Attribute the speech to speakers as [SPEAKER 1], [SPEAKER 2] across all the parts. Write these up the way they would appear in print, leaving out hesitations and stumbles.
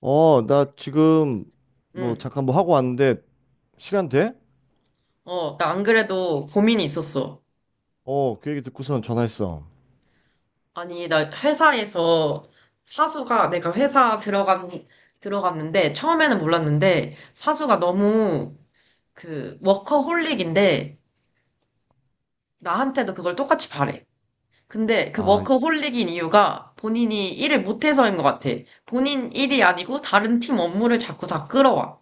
[SPEAKER 1] 어, 나 지금 뭐
[SPEAKER 2] 응,
[SPEAKER 1] 잠깐 뭐 하고 왔는데 시간 돼?
[SPEAKER 2] 어, 나 안 그래도 고민이 있었어.
[SPEAKER 1] 어, 그 얘기 듣고선 전화했어.
[SPEAKER 2] 아니, 나 회사에서 사수가 내가 회사 들어간, 들어갔는데, 처음에는 몰랐는데, 사수가 너무 워커홀릭인데, 나한테도 그걸 똑같이 바래. 근데 그
[SPEAKER 1] 아,
[SPEAKER 2] 워커홀릭인 이유가 본인이 일을 못해서인 것 같아. 본인 일이 아니고 다른 팀 업무를 자꾸 다 끌어와.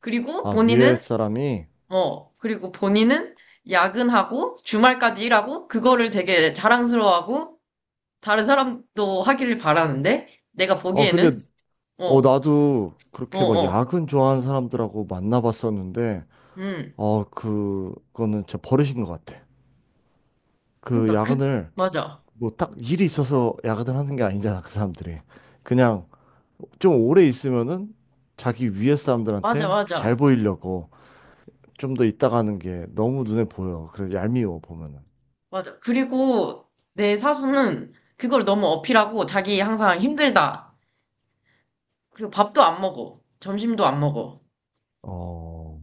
[SPEAKER 2] 그리고
[SPEAKER 1] 아 위에
[SPEAKER 2] 본인은,
[SPEAKER 1] 사람이.
[SPEAKER 2] 그리고 본인은 야근하고 주말까지 일하고 그거를 되게 자랑스러워하고 다른 사람도 하기를 바라는데, 내가
[SPEAKER 1] 어, 근데
[SPEAKER 2] 보기에는,
[SPEAKER 1] 어
[SPEAKER 2] 어,
[SPEAKER 1] 나도
[SPEAKER 2] 어,
[SPEAKER 1] 그렇게 막
[SPEAKER 2] 어,
[SPEAKER 1] 야근 좋아하는 사람들하고 만나봤었는데
[SPEAKER 2] 음.
[SPEAKER 1] 어, 그거는 진짜 버릇인 것 같아. 그
[SPEAKER 2] 그니까, 그,
[SPEAKER 1] 야근을
[SPEAKER 2] 맞아.
[SPEAKER 1] 뭐 딱 일이 있어서 야근을 하는 게 아니잖아, 그 사람들이. 그냥 좀 오래 있으면은 자기 위에
[SPEAKER 2] 맞아,
[SPEAKER 1] 사람들한테 잘
[SPEAKER 2] 맞아.
[SPEAKER 1] 보이려고 좀 더 있다 가는 게 너무 눈에 보여. 그래 얄미워 보면은.
[SPEAKER 2] 맞아. 그리고 내 사수는 그걸 너무 어필하고 자기 항상 힘들다. 그리고 밥도 안 먹어. 점심도 안 먹어.
[SPEAKER 1] 어,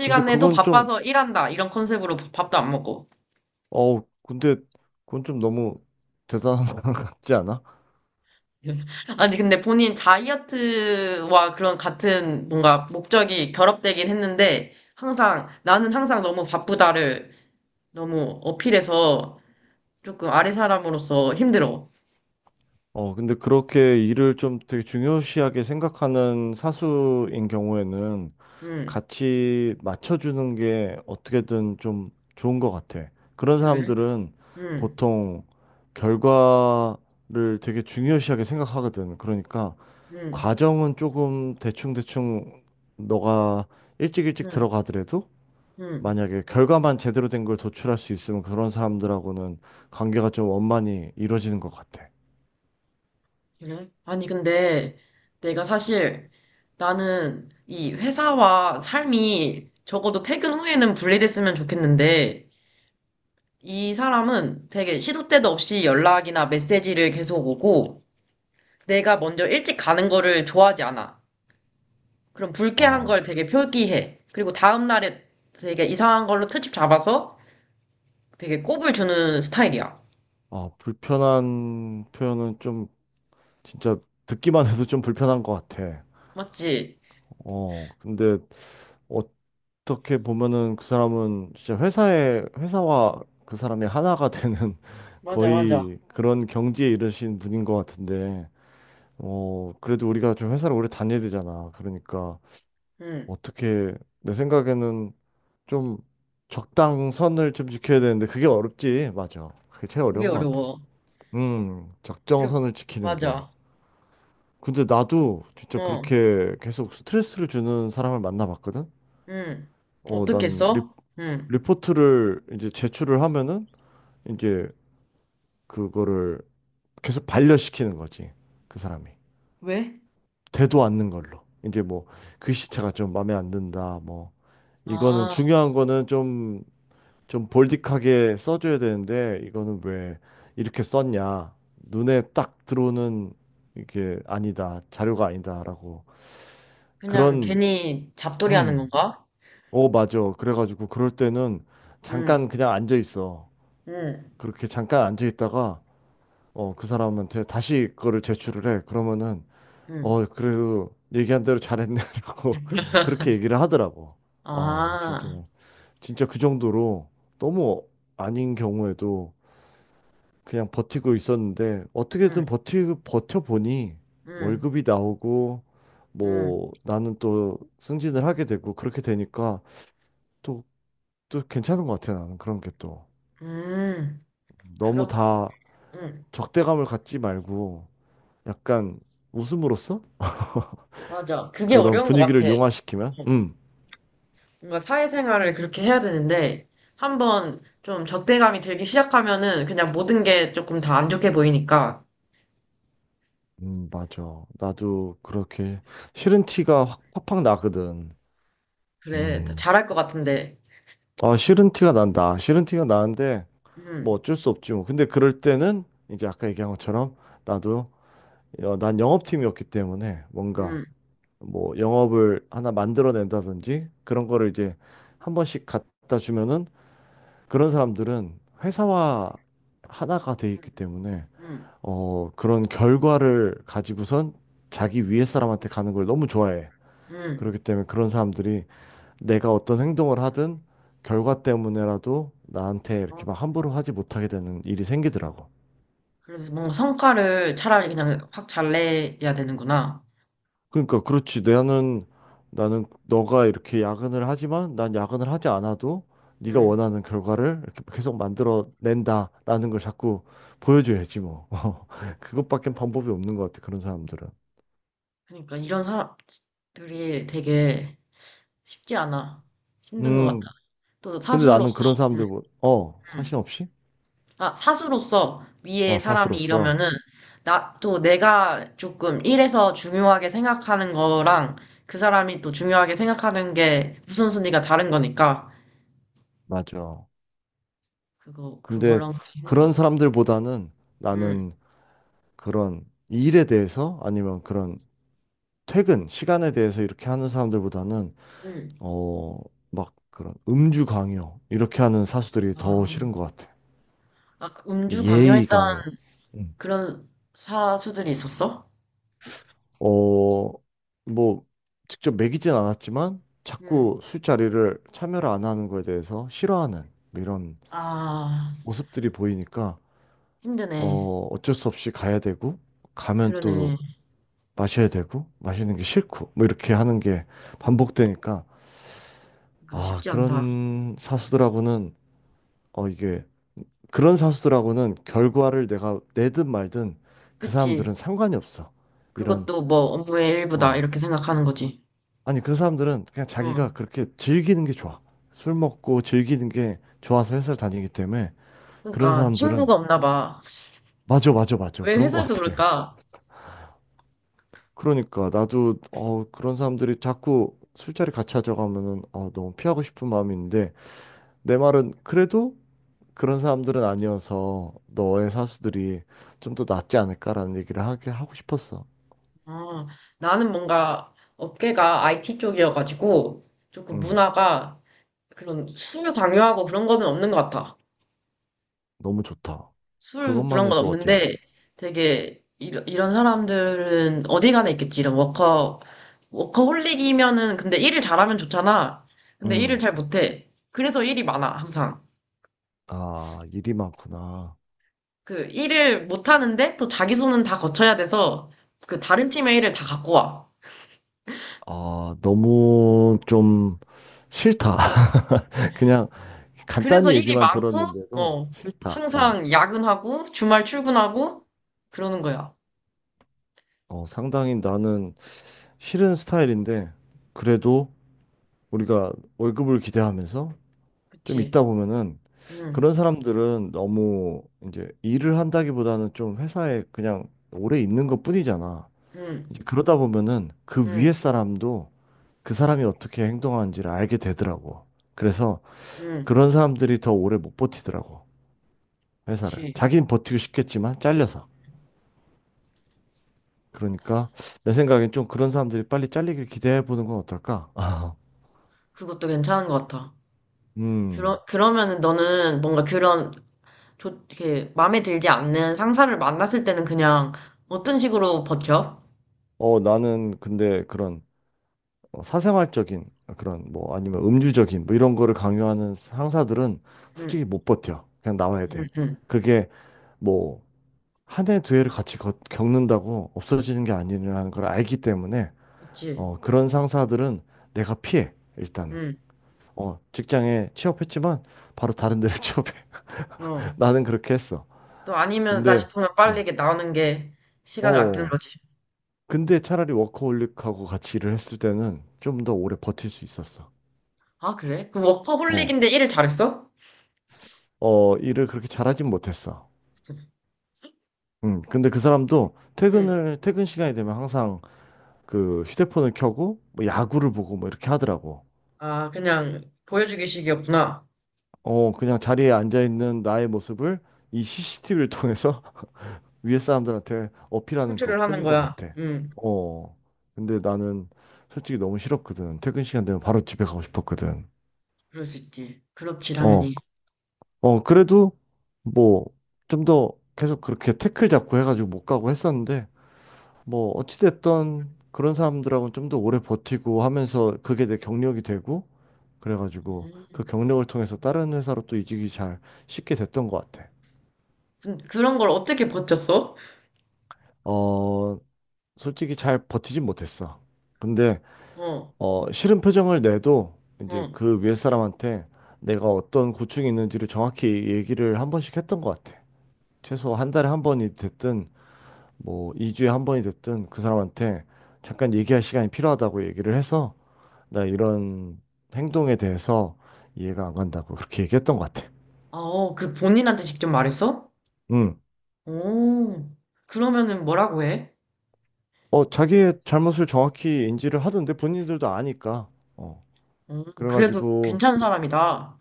[SPEAKER 1] 근데 그건 좀,
[SPEAKER 2] 바빠서 일한다. 이런 컨셉으로 밥도 안 먹고.
[SPEAKER 1] 어, 근데 그건 좀 너무 대단한 것 같지 않아?
[SPEAKER 2] 아니, 근데 본인 다이어트와 그런 같은 뭔가 목적이 결합되긴 했는데, 나는 항상 너무 바쁘다를 너무 어필해서 조금 아래 사람으로서 힘들어.
[SPEAKER 1] 어, 근데 그렇게 일을 좀 되게 중요시하게 생각하는 사수인 경우에는
[SPEAKER 2] 응,
[SPEAKER 1] 같이 맞춰주는 게 어떻게든 좀 좋은 것 같아. 그런
[SPEAKER 2] 그래?
[SPEAKER 1] 사람들은
[SPEAKER 2] 응,
[SPEAKER 1] 보통 결과를 되게 중요시하게 생각하거든. 그러니까
[SPEAKER 2] 응,
[SPEAKER 1] 과정은 조금 대충대충 너가 일찍 일찍
[SPEAKER 2] 응,
[SPEAKER 1] 들어가더라도
[SPEAKER 2] 응,
[SPEAKER 1] 만약에 결과만 제대로 된 걸 도출할 수 있으면 그런 사람들하고는 관계가 좀 원만히 이루어지는 것 같아.
[SPEAKER 2] 그래? 아니, 근데 내가 사실 나는 이 회사와 삶이 적어도 퇴근 후에는 분리됐으면 좋겠는데 이 사람은 되게 시도 때도 없이 연락이나 메시지를 계속 오고 내가 먼저 일찍 가는 거를 좋아하지 않아. 그럼 불쾌한 걸
[SPEAKER 1] 아,
[SPEAKER 2] 되게 표기해. 그리고 다음 날에 되게 이상한 걸로 트집 잡아서 되게 꼽을 주는 스타일이야.
[SPEAKER 1] 아, 불편한 표현은 좀 진짜 듣기만 해도 좀 불편한 것 같아.
[SPEAKER 2] 맞지?
[SPEAKER 1] 어, 근데 어떻게 보면은 그 사람은 진짜 회사에, 회사와 그 사람이 하나가 되는
[SPEAKER 2] 맞아, 맞아.
[SPEAKER 1] 거의 그런 경지에 이르신 분인 것 같은데, 어, 그래도 우리가 좀 회사를 오래 다녀야 되잖아. 그러니까
[SPEAKER 2] 응.
[SPEAKER 1] 어떻게 내 생각에는 좀 적당선을 좀 지켜야 되는데 그게 어렵지. 맞아. 그게 제일
[SPEAKER 2] 그게
[SPEAKER 1] 어려운 것 같아.
[SPEAKER 2] 어려워. 그리고,
[SPEAKER 1] 적정선을 지키는 게.
[SPEAKER 2] 맞아.
[SPEAKER 1] 근데 나도 진짜
[SPEAKER 2] 어,
[SPEAKER 1] 그렇게 계속 스트레스를 주는 사람을 만나봤거든.
[SPEAKER 2] 응.
[SPEAKER 1] 어,
[SPEAKER 2] 어떻게 했어? 응.
[SPEAKER 1] 리포트를 이제 제출을 하면은 이제 그거를 계속 반려시키는 거지. 그 사람이.
[SPEAKER 2] 왜?
[SPEAKER 1] 되도 않는 걸로. 이제 뭐 글씨체가 좀 마음에 안 든다. 뭐 이거는
[SPEAKER 2] 아,
[SPEAKER 1] 중요한 거는 좀 볼디하게 써줘야 되는데 이거는 왜 이렇게 썼냐? 눈에 딱 들어오는 이게 아니다. 자료가 아니다라고.
[SPEAKER 2] 그냥
[SPEAKER 1] 그런
[SPEAKER 2] 괜히 잡돌이 하는
[SPEAKER 1] 음.
[SPEAKER 2] 건가?
[SPEAKER 1] 어, 맞아. 그래가지고 그럴 때는
[SPEAKER 2] 응,
[SPEAKER 1] 잠깐 그냥 앉아 있어.
[SPEAKER 2] 응,
[SPEAKER 1] 그렇게 잠깐 앉아 있다가 어, 그 사람한테 다시 그거를 제출을 해. 그러면은
[SPEAKER 2] 응.
[SPEAKER 1] 어, 그래도 얘기한 대로 잘했네라고 그렇게 얘기를 하더라고. 아, 진짜
[SPEAKER 2] 아,
[SPEAKER 1] 진짜 그 정도로 너무 아닌 경우에도 그냥 버티고 있었는데
[SPEAKER 2] 응,
[SPEAKER 1] 어떻게든 버티 버텨보니
[SPEAKER 2] 응,
[SPEAKER 1] 월급이 나오고
[SPEAKER 2] 응,
[SPEAKER 1] 뭐 나는 또 승진을 하게 되고 그렇게 되니까 또 또 괜찮은 것 같아. 나는 그런 게 또
[SPEAKER 2] 응.
[SPEAKER 1] 너무
[SPEAKER 2] 그렇,
[SPEAKER 1] 다
[SPEAKER 2] 응.
[SPEAKER 1] 적대감을 갖지 말고 약간 웃음으로써
[SPEAKER 2] 맞아. 그게
[SPEAKER 1] 그런
[SPEAKER 2] 어려운 것 같아.
[SPEAKER 1] 분위기를 용화시키면
[SPEAKER 2] 뭔가 사회생활을 그렇게 해야 되는데, 한번 좀 적대감이 들기 시작하면은 그냥 모든 게 조금 다 안 좋게 보이니까
[SPEAKER 1] 맞아. 나도 그렇게 싫은 티가 확 팍팍 나거든.
[SPEAKER 2] 그래. 잘할
[SPEAKER 1] 음
[SPEAKER 2] 것 같은데.
[SPEAKER 1] 아 싫은 티가 난다. 싫은 티가 나는데 뭐
[SPEAKER 2] 음.
[SPEAKER 1] 어쩔 수 없지 뭐. 근데 그럴 때는 이제 아까 얘기한 것처럼 나도 어, 난 영업팀이었기 때문에 뭔가
[SPEAKER 2] 음.
[SPEAKER 1] 뭐 영업을 하나 만들어낸다든지 그런 거를 이제 한 번씩 갖다 주면은 그런 사람들은 회사와 하나가 돼 있기 때문에
[SPEAKER 2] 음.
[SPEAKER 1] 어, 그런 결과를 가지고선 자기 위에 사람한테 가는 걸 너무 좋아해.
[SPEAKER 2] 음.
[SPEAKER 1] 그렇기 때문에 그런 사람들이 내가 어떤 행동을 하든 결과 때문에라도 나한테 이렇게
[SPEAKER 2] 어.
[SPEAKER 1] 막 함부로 하지 못하게 되는 일이 생기더라고.
[SPEAKER 2] 그래서 뭔가 성과를 차라리 그냥 확 잘 내야 되는구나.
[SPEAKER 1] 그러니까 그렇지. 나는 너가 이렇게 야근을 하지만 난 야근을 하지 않아도 네가
[SPEAKER 2] 음.
[SPEAKER 1] 원하는 결과를 이렇게 계속 만들어 낸다라는 걸 자꾸 보여줘야지 뭐. 그것밖엔 방법이 없는 것 같아. 그런 사람들은.
[SPEAKER 2] 그러니까 이런 사람들이 되게 쉽지 않아. 힘든 것 같아.
[SPEAKER 1] 음.
[SPEAKER 2] 또
[SPEAKER 1] 근데 나는
[SPEAKER 2] 사수로서,
[SPEAKER 1] 그런
[SPEAKER 2] 음,
[SPEAKER 1] 사람들 사심
[SPEAKER 2] 음.
[SPEAKER 1] 없이?
[SPEAKER 2] 아, 사수로서 위에
[SPEAKER 1] 어,
[SPEAKER 2] 사람이
[SPEAKER 1] 사수로서.
[SPEAKER 2] 이러면은, 또 내가 조금 일에서 중요하게 생각하는 거랑 그 사람이 또 중요하게 생각하는 게 우선순위가 다른 거니까,
[SPEAKER 1] 맞아. 근데
[SPEAKER 2] 그거랑 되게 힘든 것
[SPEAKER 1] 그런
[SPEAKER 2] 같아.
[SPEAKER 1] 사람들보다는
[SPEAKER 2] 응,
[SPEAKER 1] 나는 그런 일에 대해서 아니면 그런 퇴근 시간에 대해서 이렇게 하는 사람들보다는
[SPEAKER 2] 응,
[SPEAKER 1] 어, 막 그런 음주 강요 이렇게 하는 사수들이 더
[SPEAKER 2] 아,
[SPEAKER 1] 싫은 것 같아.
[SPEAKER 2] 아, 그
[SPEAKER 1] 뭐
[SPEAKER 2] 음주
[SPEAKER 1] 예의
[SPEAKER 2] 강요했던
[SPEAKER 1] 강요. 음.
[SPEAKER 2] 그런 사수들이 있었어?
[SPEAKER 1] 어, 뭐 직접 먹이진 않았지만
[SPEAKER 2] 응,
[SPEAKER 1] 자꾸 술자리를 참여를 안 하는 거에 대해서 싫어하는 뭐 이런
[SPEAKER 2] 아,
[SPEAKER 1] 모습들이 보이니까
[SPEAKER 2] 힘드네.
[SPEAKER 1] 어, 어쩔 수 없이 가야 되고 가면 또
[SPEAKER 2] 그러네.
[SPEAKER 1] 마셔야 되고 마시는 게 싫고 뭐 이렇게 하는 게 반복되니까
[SPEAKER 2] 그거
[SPEAKER 1] 아,
[SPEAKER 2] 쉽지 않다.
[SPEAKER 1] 그런 사수들하고는 어 이게 그런 사수들하고는 결과를 내가 내든 말든 그
[SPEAKER 2] 그치?
[SPEAKER 1] 사람들은 상관이 없어. 이런,
[SPEAKER 2] 그것도 뭐 업무의 일부다.
[SPEAKER 1] 어.
[SPEAKER 2] 이렇게 생각하는 거지.
[SPEAKER 1] 아니, 그 사람들은 그냥 자기가
[SPEAKER 2] 응.
[SPEAKER 1] 그렇게 즐기는 게 좋아. 술 먹고 즐기는 게 좋아서 회사를 다니기 때문에 그런
[SPEAKER 2] 그러니까
[SPEAKER 1] 사람들은.
[SPEAKER 2] 친구가 없나 봐.
[SPEAKER 1] 맞아, 맞아, 맞아.
[SPEAKER 2] 왜
[SPEAKER 1] 그런 것
[SPEAKER 2] 회사에서
[SPEAKER 1] 같아.
[SPEAKER 2] 그럴까?
[SPEAKER 1] 그러니까 나도 어, 그런 사람들이 자꾸 술자리 같이 하자고 하면은 어, 너무 피하고 싶은 마음이 있는데 내 말은 그래도 그런 사람들은 아니어서 너의 사수들이 좀 더 낫지 않을까라는 얘기를 하게 하고 싶었어.
[SPEAKER 2] 아, 나는 뭔가 업계가 IT 쪽이어가지고 조금
[SPEAKER 1] 음.
[SPEAKER 2] 문화가 그런 술 강요하고 그런 거는 없는 것 같아.
[SPEAKER 1] 너무 좋다.
[SPEAKER 2] 술
[SPEAKER 1] 그것만
[SPEAKER 2] 그런 건
[SPEAKER 1] 해도 어디야?
[SPEAKER 2] 없는데 되게 이런 사람들은 어디 가나 있겠지. 워커홀릭이면은 근데 일을 잘하면 좋잖아. 근데 일을
[SPEAKER 1] 응.
[SPEAKER 2] 잘 못해. 그래서 일이 많아, 항상.
[SPEAKER 1] 아, 일이 많구나.
[SPEAKER 2] 그 일을 못하는데 또 자기 손은 다 거쳐야 돼서 그 다른 팀의 일을 다 갖고 와.
[SPEAKER 1] 아, 너무 좀 싫다. 그냥
[SPEAKER 2] 그래서
[SPEAKER 1] 간단히
[SPEAKER 2] 일이
[SPEAKER 1] 얘기만
[SPEAKER 2] 많고,
[SPEAKER 1] 들었는데도
[SPEAKER 2] 어,
[SPEAKER 1] 싫다. 어,
[SPEAKER 2] 항상 야근하고 주말 출근하고 그러는 거야.
[SPEAKER 1] 어, 상당히 나는 싫은 스타일인데, 그래도 우리가 월급을 기대하면서 좀
[SPEAKER 2] 그치?
[SPEAKER 1] 있다 보면은
[SPEAKER 2] 응,
[SPEAKER 1] 그런 사람들은 너무 이제 일을 한다기보다는 좀 회사에 그냥 오래 있는 것뿐이잖아.
[SPEAKER 2] 응,
[SPEAKER 1] 이제 그러다 보면은 그 위에
[SPEAKER 2] 응,
[SPEAKER 1] 사람도 그 사람이 어떻게 행동하는지를 알게 되더라고. 그래서
[SPEAKER 2] 응,
[SPEAKER 1] 그런 사람들이 더 오래 못 버티더라고. 회사를.
[SPEAKER 2] 그치.
[SPEAKER 1] 자기는 버티고 싶겠지만 잘려서. 그러니까 내 생각엔 좀 그런 사람들이 빨리 잘리길 기대해 보는 건 어떨까?
[SPEAKER 2] 그것도 괜찮은 것 같아.
[SPEAKER 1] 음.
[SPEAKER 2] 그러면은 너는 뭔가 그런 이렇게 마음에 들지 않는 상사를 만났을 때는 그냥 어떤 식으로 버텨?
[SPEAKER 1] 어, 나는 근데 그런 어, 사생활적인 그런 뭐 아니면 음주적인 뭐 이런 거를 강요하는 상사들은 솔직히
[SPEAKER 2] 응,
[SPEAKER 1] 못 버텨. 그냥 나와야
[SPEAKER 2] 응,
[SPEAKER 1] 돼.
[SPEAKER 2] 응.
[SPEAKER 1] 그게 뭐 한 해 두 해를 같이 겪는다고 없어지는 게 아니라는 걸 알기 때문에
[SPEAKER 2] 그치.
[SPEAKER 1] 어, 그런 상사들은 내가 피해, 일단은.
[SPEAKER 2] 응,
[SPEAKER 1] 어, 직장에 취업했지만 바로 다른 데를 취업해.
[SPEAKER 2] 어.
[SPEAKER 1] 나는 그렇게 했어.
[SPEAKER 2] 또 아니면 나
[SPEAKER 1] 근데,
[SPEAKER 2] 싶으면 빨리
[SPEAKER 1] 어,
[SPEAKER 2] 이게 나오는 게 시간을 아끼는
[SPEAKER 1] 어,
[SPEAKER 2] 거지.
[SPEAKER 1] 근데 차라리 워커홀릭하고 같이 일을 했을 때는 좀 더 오래 버틸 수 있었어.
[SPEAKER 2] 아, 그래? 그
[SPEAKER 1] 어,
[SPEAKER 2] 워커홀릭인데 일을 잘했어?
[SPEAKER 1] 어, 일을 그렇게 잘하진 못했어. 근데 그 사람도
[SPEAKER 2] 응.
[SPEAKER 1] 퇴근 시간이 되면 항상 그 휴대폰을 켜고 뭐 야구를 보고 뭐 이렇게 하더라고.
[SPEAKER 2] 아, 그냥 보여주기식이었구나.
[SPEAKER 1] 어, 그냥 자리에 앉아있는 나의 모습을 이 CCTV를 통해서 위에 사람들한테 어필하는
[SPEAKER 2] 성취를 하는
[SPEAKER 1] 것뿐인 것
[SPEAKER 2] 거야.
[SPEAKER 1] 같아.
[SPEAKER 2] 응,
[SPEAKER 1] 어. 근데 나는 솔직히 너무 싫었거든. 퇴근 시간 되면 바로 집에 가고 싶었거든.
[SPEAKER 2] 그럴 수 있지. 그렇지,
[SPEAKER 1] 어,
[SPEAKER 2] 당연히.
[SPEAKER 1] 어, 그래도 뭐 좀 더 계속 그렇게 태클 잡고 해가지고 못 가고 했었는데 뭐 어찌됐던 그런 사람들하고는 좀 더 오래 버티고 하면서 그게 내 경력이 되고 그래가지고 그
[SPEAKER 2] 음.
[SPEAKER 1] 경력을 통해서 다른 회사로 또 이직이 잘 쉽게 됐던 것 같아.
[SPEAKER 2] 그런 걸 어떻게 버텼어?
[SPEAKER 1] 어, 솔직히 잘 버티진 못했어. 근데
[SPEAKER 2] 어,
[SPEAKER 1] 어, 싫은 표정을 내도 이제
[SPEAKER 2] 어.
[SPEAKER 1] 그 위에 사람한테 내가 어떤 고충이 있는지를 정확히 얘기를 한 번씩 했던 것 같아. 최소 한 달에 한 번이 됐든 뭐 2주에 한 번이 됐든 그 사람한테 잠깐 얘기할 시간이 필요하다고 얘기를 해서 나 이런 행동에 대해서 이해가 안 간다고 그렇게 얘기했던 것 같아.
[SPEAKER 2] 아, 어, 그 본인한테 직접 말했어?
[SPEAKER 1] 음.
[SPEAKER 2] 오, 그러면은 뭐라고 해?
[SPEAKER 1] 어, 자기의 잘못을 정확히 인지를 하던데 본인들도 아니까. 어.
[SPEAKER 2] 어, 그래도
[SPEAKER 1] 그래가지고
[SPEAKER 2] 괜찮은 사람이다.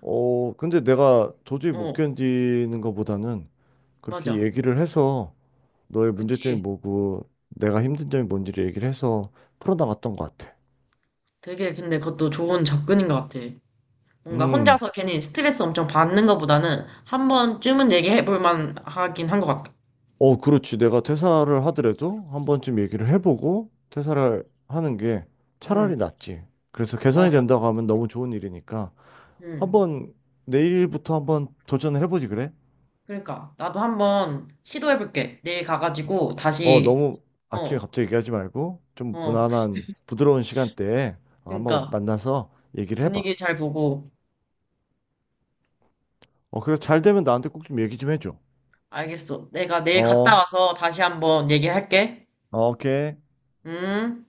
[SPEAKER 1] 어, 근데 내가 도저히 못
[SPEAKER 2] 어,
[SPEAKER 1] 견디는 것보다는 그렇게
[SPEAKER 2] 맞아.
[SPEAKER 1] 얘기를 해서 너의 문제점이
[SPEAKER 2] 그치.
[SPEAKER 1] 뭐고 내가 힘든 점이 뭔지를 얘기를 해서 풀어나갔던 것 같아.
[SPEAKER 2] 되게 근데 그것도 좋은 접근인 것 같아. 뭔가
[SPEAKER 1] 음,
[SPEAKER 2] 혼자서 괜히 스트레스 엄청 받는 것보다는 한 번쯤은 얘기해 볼 만하긴 한 것 같다.
[SPEAKER 1] 어, 그렇지. 내가 퇴사를 하더라도 한 번쯤 얘기를 해보고 퇴사를 하는 게 차라리
[SPEAKER 2] 응,
[SPEAKER 1] 낫지. 그래서 개선이
[SPEAKER 2] 맞아.
[SPEAKER 1] 된다고 하면 너무 좋은 일이니까
[SPEAKER 2] 응.
[SPEAKER 1] 한번 내일부터 한번 도전을 해보지 그래?
[SPEAKER 2] 그러니까 나도 한 번 시도해 볼게. 내일 가가지고
[SPEAKER 1] 어,
[SPEAKER 2] 다시
[SPEAKER 1] 너무
[SPEAKER 2] 어,
[SPEAKER 1] 아침에 갑자기 얘기하지 말고 좀
[SPEAKER 2] 어.
[SPEAKER 1] 무난한 부드러운 시간대에 한번
[SPEAKER 2] 그러니까
[SPEAKER 1] 만나서 얘기를 해봐.
[SPEAKER 2] 분위기 잘 보고
[SPEAKER 1] 어, 그래서 잘 되면 나한테 꼭 좀 얘기 좀 해줘.
[SPEAKER 2] 알겠어. 내가 내일 갔다
[SPEAKER 1] 어.
[SPEAKER 2] 와서 다시 한번 얘기할게.
[SPEAKER 1] 오케이.
[SPEAKER 2] 응?